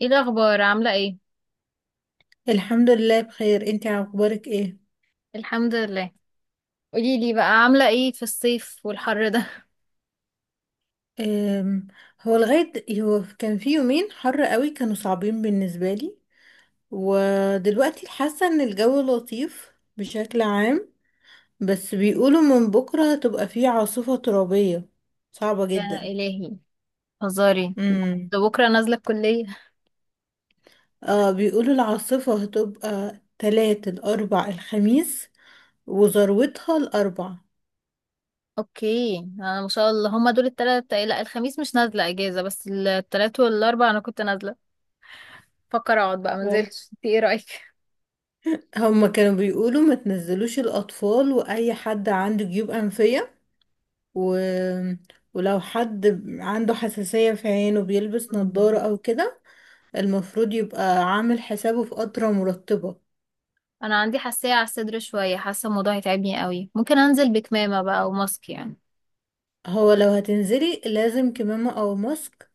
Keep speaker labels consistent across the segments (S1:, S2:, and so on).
S1: ايه الاخبار؟ عامله ايه؟
S2: الحمد لله بخير. انتي اخبارك ايه؟
S1: الحمد لله. قولي لي بقى، عامله ايه في الصيف والحر ده؟
S2: أم هو لغايه كان في يومين حر قوي كانوا صعبين بالنسبه لي، ودلوقتي حاسه ان الجو لطيف بشكل عام، بس بيقولوا من بكره هتبقى فيه عاصفه ترابيه صعبه
S1: يا
S2: جدا.
S1: الهي، هزاري،
S2: امم
S1: ده بكره نازله الكليه.
S2: اه، بيقولوا العاصفه هتبقى تلات الاربع الخميس، وذروتها الاربع.
S1: اوكي، انا ما شاء الله هما دول التلات، لا الخميس مش نازله اجازه بس التلات والاربع انا كنت نازله، فكر اقعد بقى
S2: أوه.
S1: منزلش، انت ايه رايك؟
S2: هما كانوا بيقولوا ما تنزلوش الاطفال واي حد عنده جيوب انفيه، و... ولو حد عنده حساسية في عينه بيلبس
S1: مم.
S2: نظارة أو كده، المفروض يبقى عامل حسابه في قطرة مرطبة.
S1: انا عندي حساسيه على الصدر شويه، حاسه الموضوع هيتعبني قوي، ممكن انزل بكمامه بقى وماسك يعني.
S2: هو لو هتنزلي لازم كمامة أو ماسك،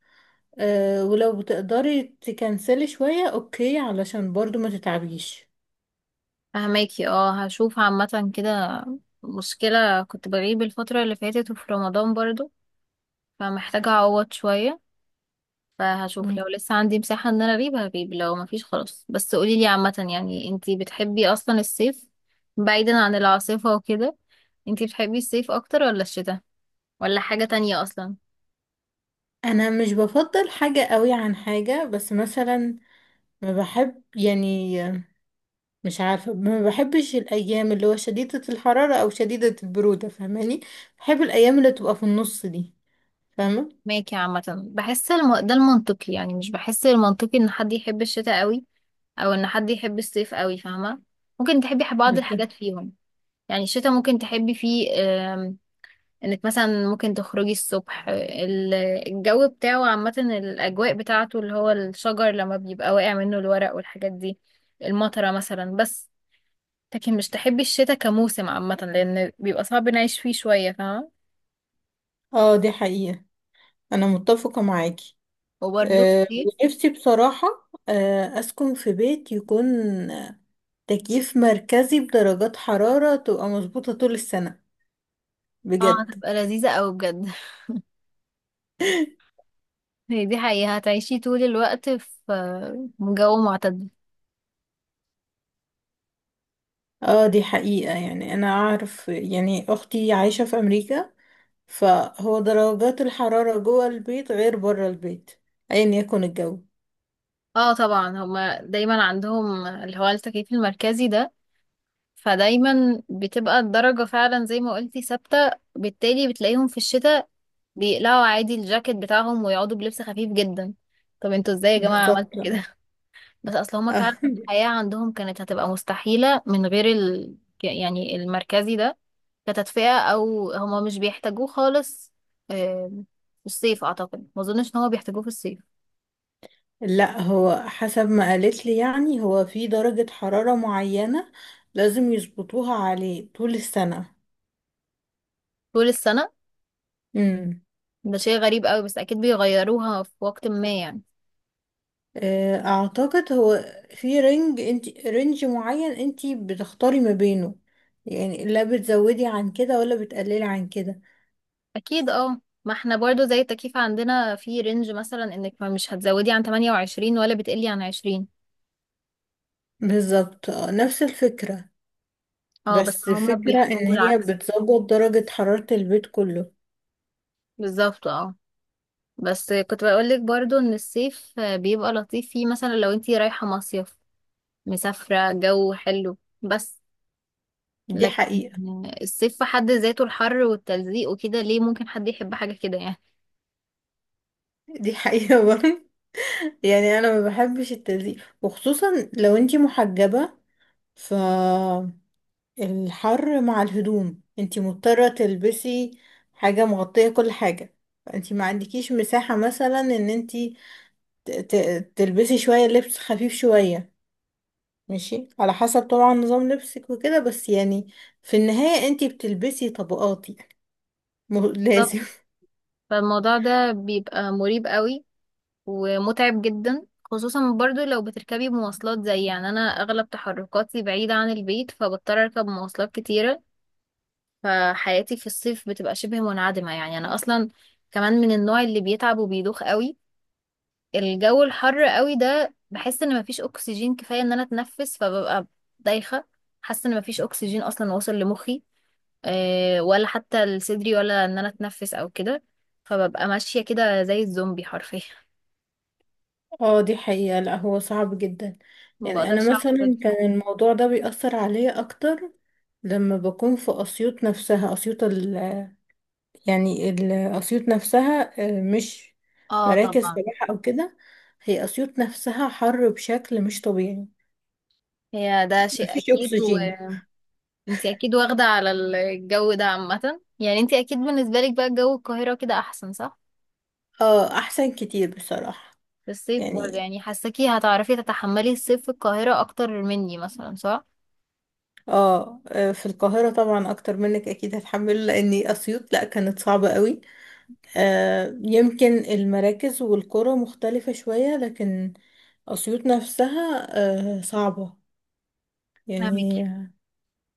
S2: أه، ولو بتقدري تكنسلي شوية أوكي، علشان برضو ما تتعبيش.
S1: فهماكي، اه هشوف عامه كده. مشكله كنت بغيب الفتره اللي فاتت وفي رمضان برضو، فمحتاجة أعوض شوية. فهشوف
S2: مم.
S1: لو لسه عندي مساحة إن أنا أجيب هجيب، لو مفيش خلاص. بس قوليلي عامة، انتي بتحبي أصلا الصيف، بعيدا عن العاصفة وكده؟ انتي بتحبي الصيف أكتر ولا الشتاء؟ ولا حاجة تانية أصلا؟
S2: أنا مش بفضل حاجة قوي عن حاجة، بس مثلا ما بحب، يعني آه، مش عارفة، ما بحبش الأيام اللي هو شديدة الحرارة أو شديدة البرودة، فاهماني؟ بحب الأيام اللي تبقى في النص دي، فاهمة؟
S1: ماكي عامة. بحس ده المنطقي، مش بحس المنطقي إن حد يحب الشتاء قوي أو إن حد يحب الصيف قوي، فاهمة؟ ممكن تحبي بعض
S2: بالظبط.
S1: الحاجات فيهم. يعني الشتاء ممكن تحبي فيه انك مثلا ممكن تخرجي الصبح، الجو بتاعه عامة، الأجواء بتاعته اللي هو الشجر لما بيبقى واقع منه الورق والحاجات دي، المطرة مثلا، بس. لكن مش تحبي الشتاء كموسم عامة، لأن بيبقى صعب نعيش فيه شوية، فاهمة؟
S2: اه دي حقيقة، أنا متفقة معاكي.
S1: وبرضه
S2: أه،
S1: الصيف،
S2: ونفسي بصراحة، أه، أسكن في بيت يكون تكييف مركزي، بدرجات حرارة تبقى مظبوطة طول السنة،
S1: اه
S2: بجد.
S1: هتبقى لذيذة أوي بجد. هي دي حقيقة، هتعيشي طول الوقت في جو معتدل.
S2: اه دي حقيقة. يعني أنا أعرف، يعني أختي عايشة في أمريكا، فهو درجات الحرارة جوه البيت غير بره البيت أيا يكن الجو.
S1: اه طبعا، هما دايما عندهم اللي هو التكييف المركزي ده، فدايما بتبقى الدرجة فعلا زي ما قلتي ثابتة، بالتالي بتلاقيهم في الشتاء بيقلعوا عادي الجاكيت بتاعهم ويقعدوا بلبس خفيف جدا. طب انتوا ازاي يا جماعة
S2: بالظبط.
S1: عملتوا كده؟ بس اصل هما
S2: آه.
S1: فعلا الحياة عندهم كانت هتبقى مستحيلة من غير يعني المركزي ده، كتدفئة، او هما مش بيحتاجوه خالص. آم، في الصيف اعتقد، ما اظنش ان هما بيحتاجوه في الصيف.
S2: لا هو حسب ما قالت لي، يعني هو في درجة حرارة معينة لازم يظبطوها عليه طول السنة.
S1: طول السنة
S2: امم،
S1: ده شيء غريب قوي، بس اكيد بيغيروها في وقت ما يعني.
S2: آه، اعتقد في رينج، رينج معين انت بتختاري ما بينه، يعني لا بتزودي عن كده ولا بتقللي عن كده.
S1: اكيد اه، ما احنا برضو زي التكييف عندنا في رينج، مثلا انك ما مش هتزودي عن 28 ولا بتقلي عن 20.
S2: بالظبط آه، نفس الفكرة.
S1: اه بس
S2: بس
S1: هما
S2: الفكرة ان
S1: بيحتاجوا
S2: هي
S1: بالعكس.
S2: بتظبط درجة حرارة البيت كله.
S1: بالظبط اه. بس كنت بقولك برضو ان الصيف بيبقى لطيف فيه، مثلا لو انتي رايحة مصيف، مسافرة، جو حلو، بس.
S2: دي
S1: لكن
S2: حقيقة.
S1: الصيف في حد ذاته الحر والتلزيق وكده، ليه ممكن حد يحب حاجة كده يعني؟
S2: برضه يعني، انا ما بحبش التلزيق، وخصوصا لو انت محجبة، فالحر مع الهدوم انتي مضطرة تلبسي حاجة مغطية كل حاجة، فانتي ما عندكيش مساحة مثلا ان انتي تلبسي شوية لبس خفيف شوية. ماشي، على حسب طبعا نظام لبسك وكده، بس يعني في النهاية انتي بتلبسي طبقات، يعني
S1: بالظبط.
S2: لازم.
S1: فالموضوع ده بيبقى مريب قوي ومتعب جدا، خصوصا برضو لو بتركبي مواصلات، زي يعني انا اغلب تحركاتي بعيدة عن البيت فبضطر اركب مواصلات كتيرة، فحياتي في الصيف بتبقى شبه منعدمة. يعني انا اصلا كمان من النوع اللي بيتعب وبيدوخ قوي الجو الحر قوي ده، بحس ان مفيش اكسجين كفاية ان انا اتنفس، فببقى دايخة، حاسة ان مفيش اكسجين اصلا واصل لمخي، أه ولا حتى لصدري، ولا ان انا اتنفس او كده، فببقى ماشية كده زي الزومبي حرفيا.
S2: اه دي حقيقة، لا هو صعب جدا. يعني
S1: مبقدرش
S2: انا
S1: اقعد.
S2: مثلا كان الموضوع ده بيأثر عليا اكتر لما بكون في اسيوط نفسها. اسيوط يعني اسيوط نفسها، آه، مش
S1: اه
S2: مراكز
S1: طبعا،
S2: سياحة او كده، هي اسيوط نفسها حر بشكل مش طبيعي،
S1: هي ده شيء
S2: مفيش
S1: اكيد.
S2: اكسجين.
S1: وانتي اكيد واخده على الجو ده عامه، يعني انتي اكيد بالنسبه لك بقى جو القاهره كده احسن، صح؟
S2: اه احسن كتير بصراحة.
S1: في الصيف برضه،
S2: يعني
S1: يعني حاساكي هتعرفي تتحملي الصيف في القاهره اكتر مني مثلا، صح؟
S2: اه آه، في القاهرة طبعا اكتر منك اكيد هتحمله، لاني اسيوط لا كانت صعبة قوي. آه يمكن المراكز والقرى مختلفة شوية، لكن اسيوط نفسها آه صعبة،
S1: فاهمك.
S2: يعني آه،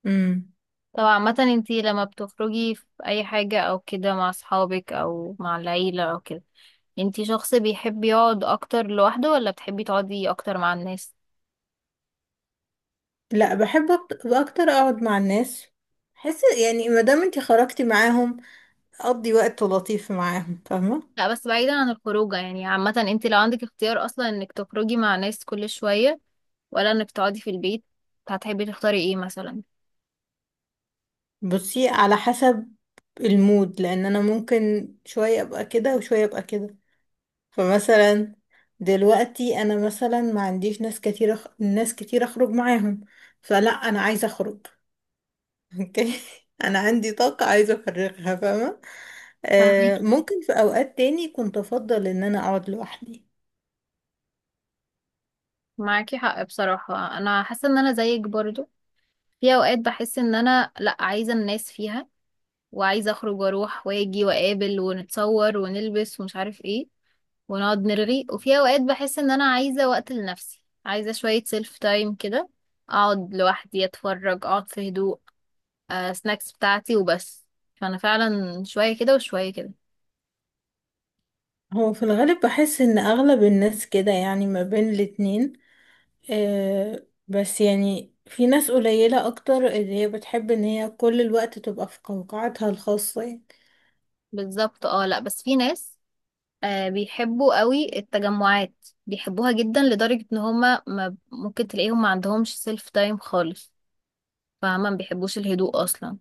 S2: مم.
S1: طب عامه انتي لما بتخرجي في اي حاجه او كده، مع اصحابك او مع العيله او كده، انتي شخص بيحب يقعد اكتر لوحده ولا بتحبي تقعدي اكتر مع الناس؟
S2: لا، بحب اكتر اقعد مع الناس. حس يعني، ما دام انتي خرجتي معاهم، اقضي وقت لطيف معاهم، فاهمه؟
S1: لا بس بعيدا عن الخروجه، يعني عامه انت لو عندك اختيار اصلا، انك تخرجي مع ناس كل شويه ولا انك تقعدي في البيت، هتحبي تختاري ايه مثلا؟
S2: بصي، على حسب المود، لان انا ممكن شويه ابقى كده وشويه ابقى كده. فمثلا دلوقتي انا مثلا ما عنديش ناس كتير ناس كتير اخرج معاهم، فلا انا عايزه اخرج اوكي، انا عندي طاقه عايزه افرغها، فاهمه؟
S1: فاهمكي.
S2: آه ممكن في اوقات تاني كنت افضل ان انا اقعد لوحدي.
S1: معاكي حق بصراحة، انا حاسة ان انا زيك برضو، في اوقات بحس ان انا لا عايزة الناس فيها، وعايزة اخرج واروح واجي واقابل ونتصور ونلبس ومش عارف ايه، ونقعد نرغي. وفي اوقات بحس ان انا عايزة وقت لنفسي، عايزة شوية سيلف تايم كده، اقعد لوحدي اتفرج، اقعد في هدوء، سناكس بتاعتي وبس. فانا فعلا شوية كده وشوية كده.
S2: هو في الغالب بحس ان اغلب الناس كده، يعني ما بين الاتنين، آه، بس يعني في ناس قليلة اكتر، اللي هي بتحب ان هي كل الوقت تبقى في قوقعتها الخاصة يعني.
S1: بالظبط اه. لا بس في ناس بيحبوا قوي التجمعات، بيحبوها جدا لدرجة ان هما ما ممكن تلاقيهم ما عندهمش سيلف تايم خالص، فاهمة؟ ما بيحبوش الهدوء اصلا.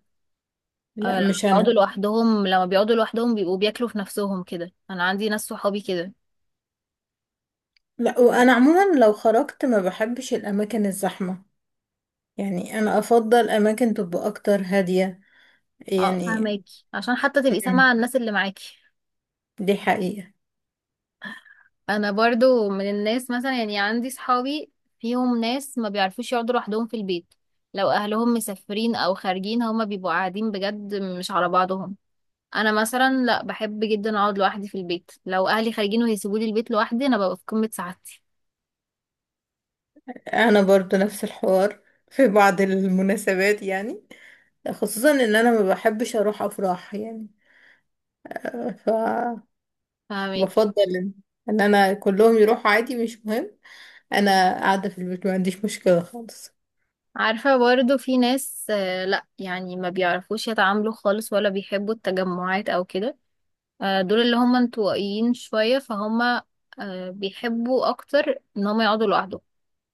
S2: لا،
S1: لما
S2: مش
S1: بيقعدوا
S2: انا.
S1: لوحدهم، بيبقوا بياكلوا في نفسهم كده، انا عندي ناس صحابي كده.
S2: لا، وانا عموما لو خرجت ما بحبش الاماكن الزحمة، يعني انا افضل اماكن تبقى اكتر هادية
S1: اه
S2: يعني.
S1: فاهماكي، عشان حتى تبقي سامعة
S2: مم،
S1: الناس اللي معاكي.
S2: دي حقيقة.
S1: انا برضو من الناس، مثلا يعني عندي صحابي فيهم ناس ما بيعرفوش يقعدوا لوحدهم في البيت، لو اهلهم مسافرين او خارجين هما بيبقوا قاعدين بجد مش على بعضهم. انا مثلا لا، بحب جدا اقعد لوحدي في البيت، لو اهلي خارجين وهيسيبولي البيت لوحدي انا ببقى في قمة سعادتي.
S2: انا برضو نفس الحوار في بعض المناسبات، يعني خصوصا ان انا ما بحبش اروح افراح، يعني ف
S1: فاهمك.
S2: بفضل ان إن انا كلهم يروحوا عادي، مش مهم. انا قاعده في البيت ما عنديش مشكله خالص.
S1: عارفة برضو في ناس، لا يعني ما بيعرفوش يتعاملوا خالص ولا بيحبوا التجمعات او كده، دول اللي هم انطوائيين شوية فهم، بيحبوا اكتر ان هم يقعدوا لوحدهم،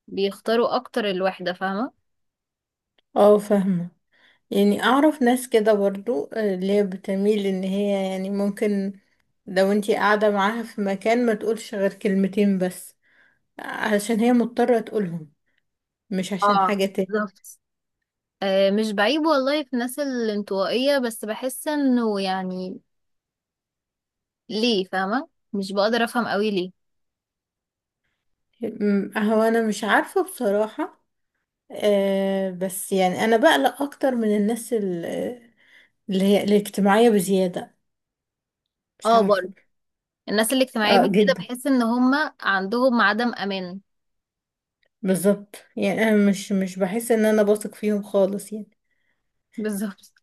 S1: بيختاروا اكتر الوحدة، فاهمة؟
S2: اه فاهمه. يعني اعرف ناس كده برضو، آه، اللي هي بتميل ان هي، يعني ممكن لو انتي قاعده معاها في مكان ما تقولش غير كلمتين بس، علشان هي مضطره تقولهم، مش عشان
S1: اه
S2: حاجه تاني.
S1: بالظبط. مش بعيب والله في الناس الانطوائية، بس بحس انه يعني ليه، فاهمة؟ مش بقدر افهم قوي ليه.
S2: هو انا مش عارفه بصراحه، أه، بس يعني انا بقلق اكتر من الناس اللي هي الاجتماعيه بزياده، مش
S1: اه
S2: عارفه.
S1: برضه، الناس الاجتماعية
S2: اه
S1: بالكده
S2: جدا،
S1: بحس ان هما عندهم عدم امان.
S2: بالظبط، يعني انا مش بحس ان انا بثق فيهم خالص يعني.
S1: بالظبط.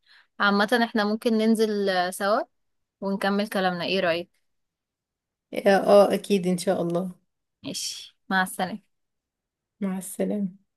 S1: عامة احنا ممكن ننزل سوا ونكمل كلامنا، ايه رأيك؟
S2: اه آه، اكيد ان شاء الله.
S1: ماشي، مع السلامة.
S2: مع السلامة.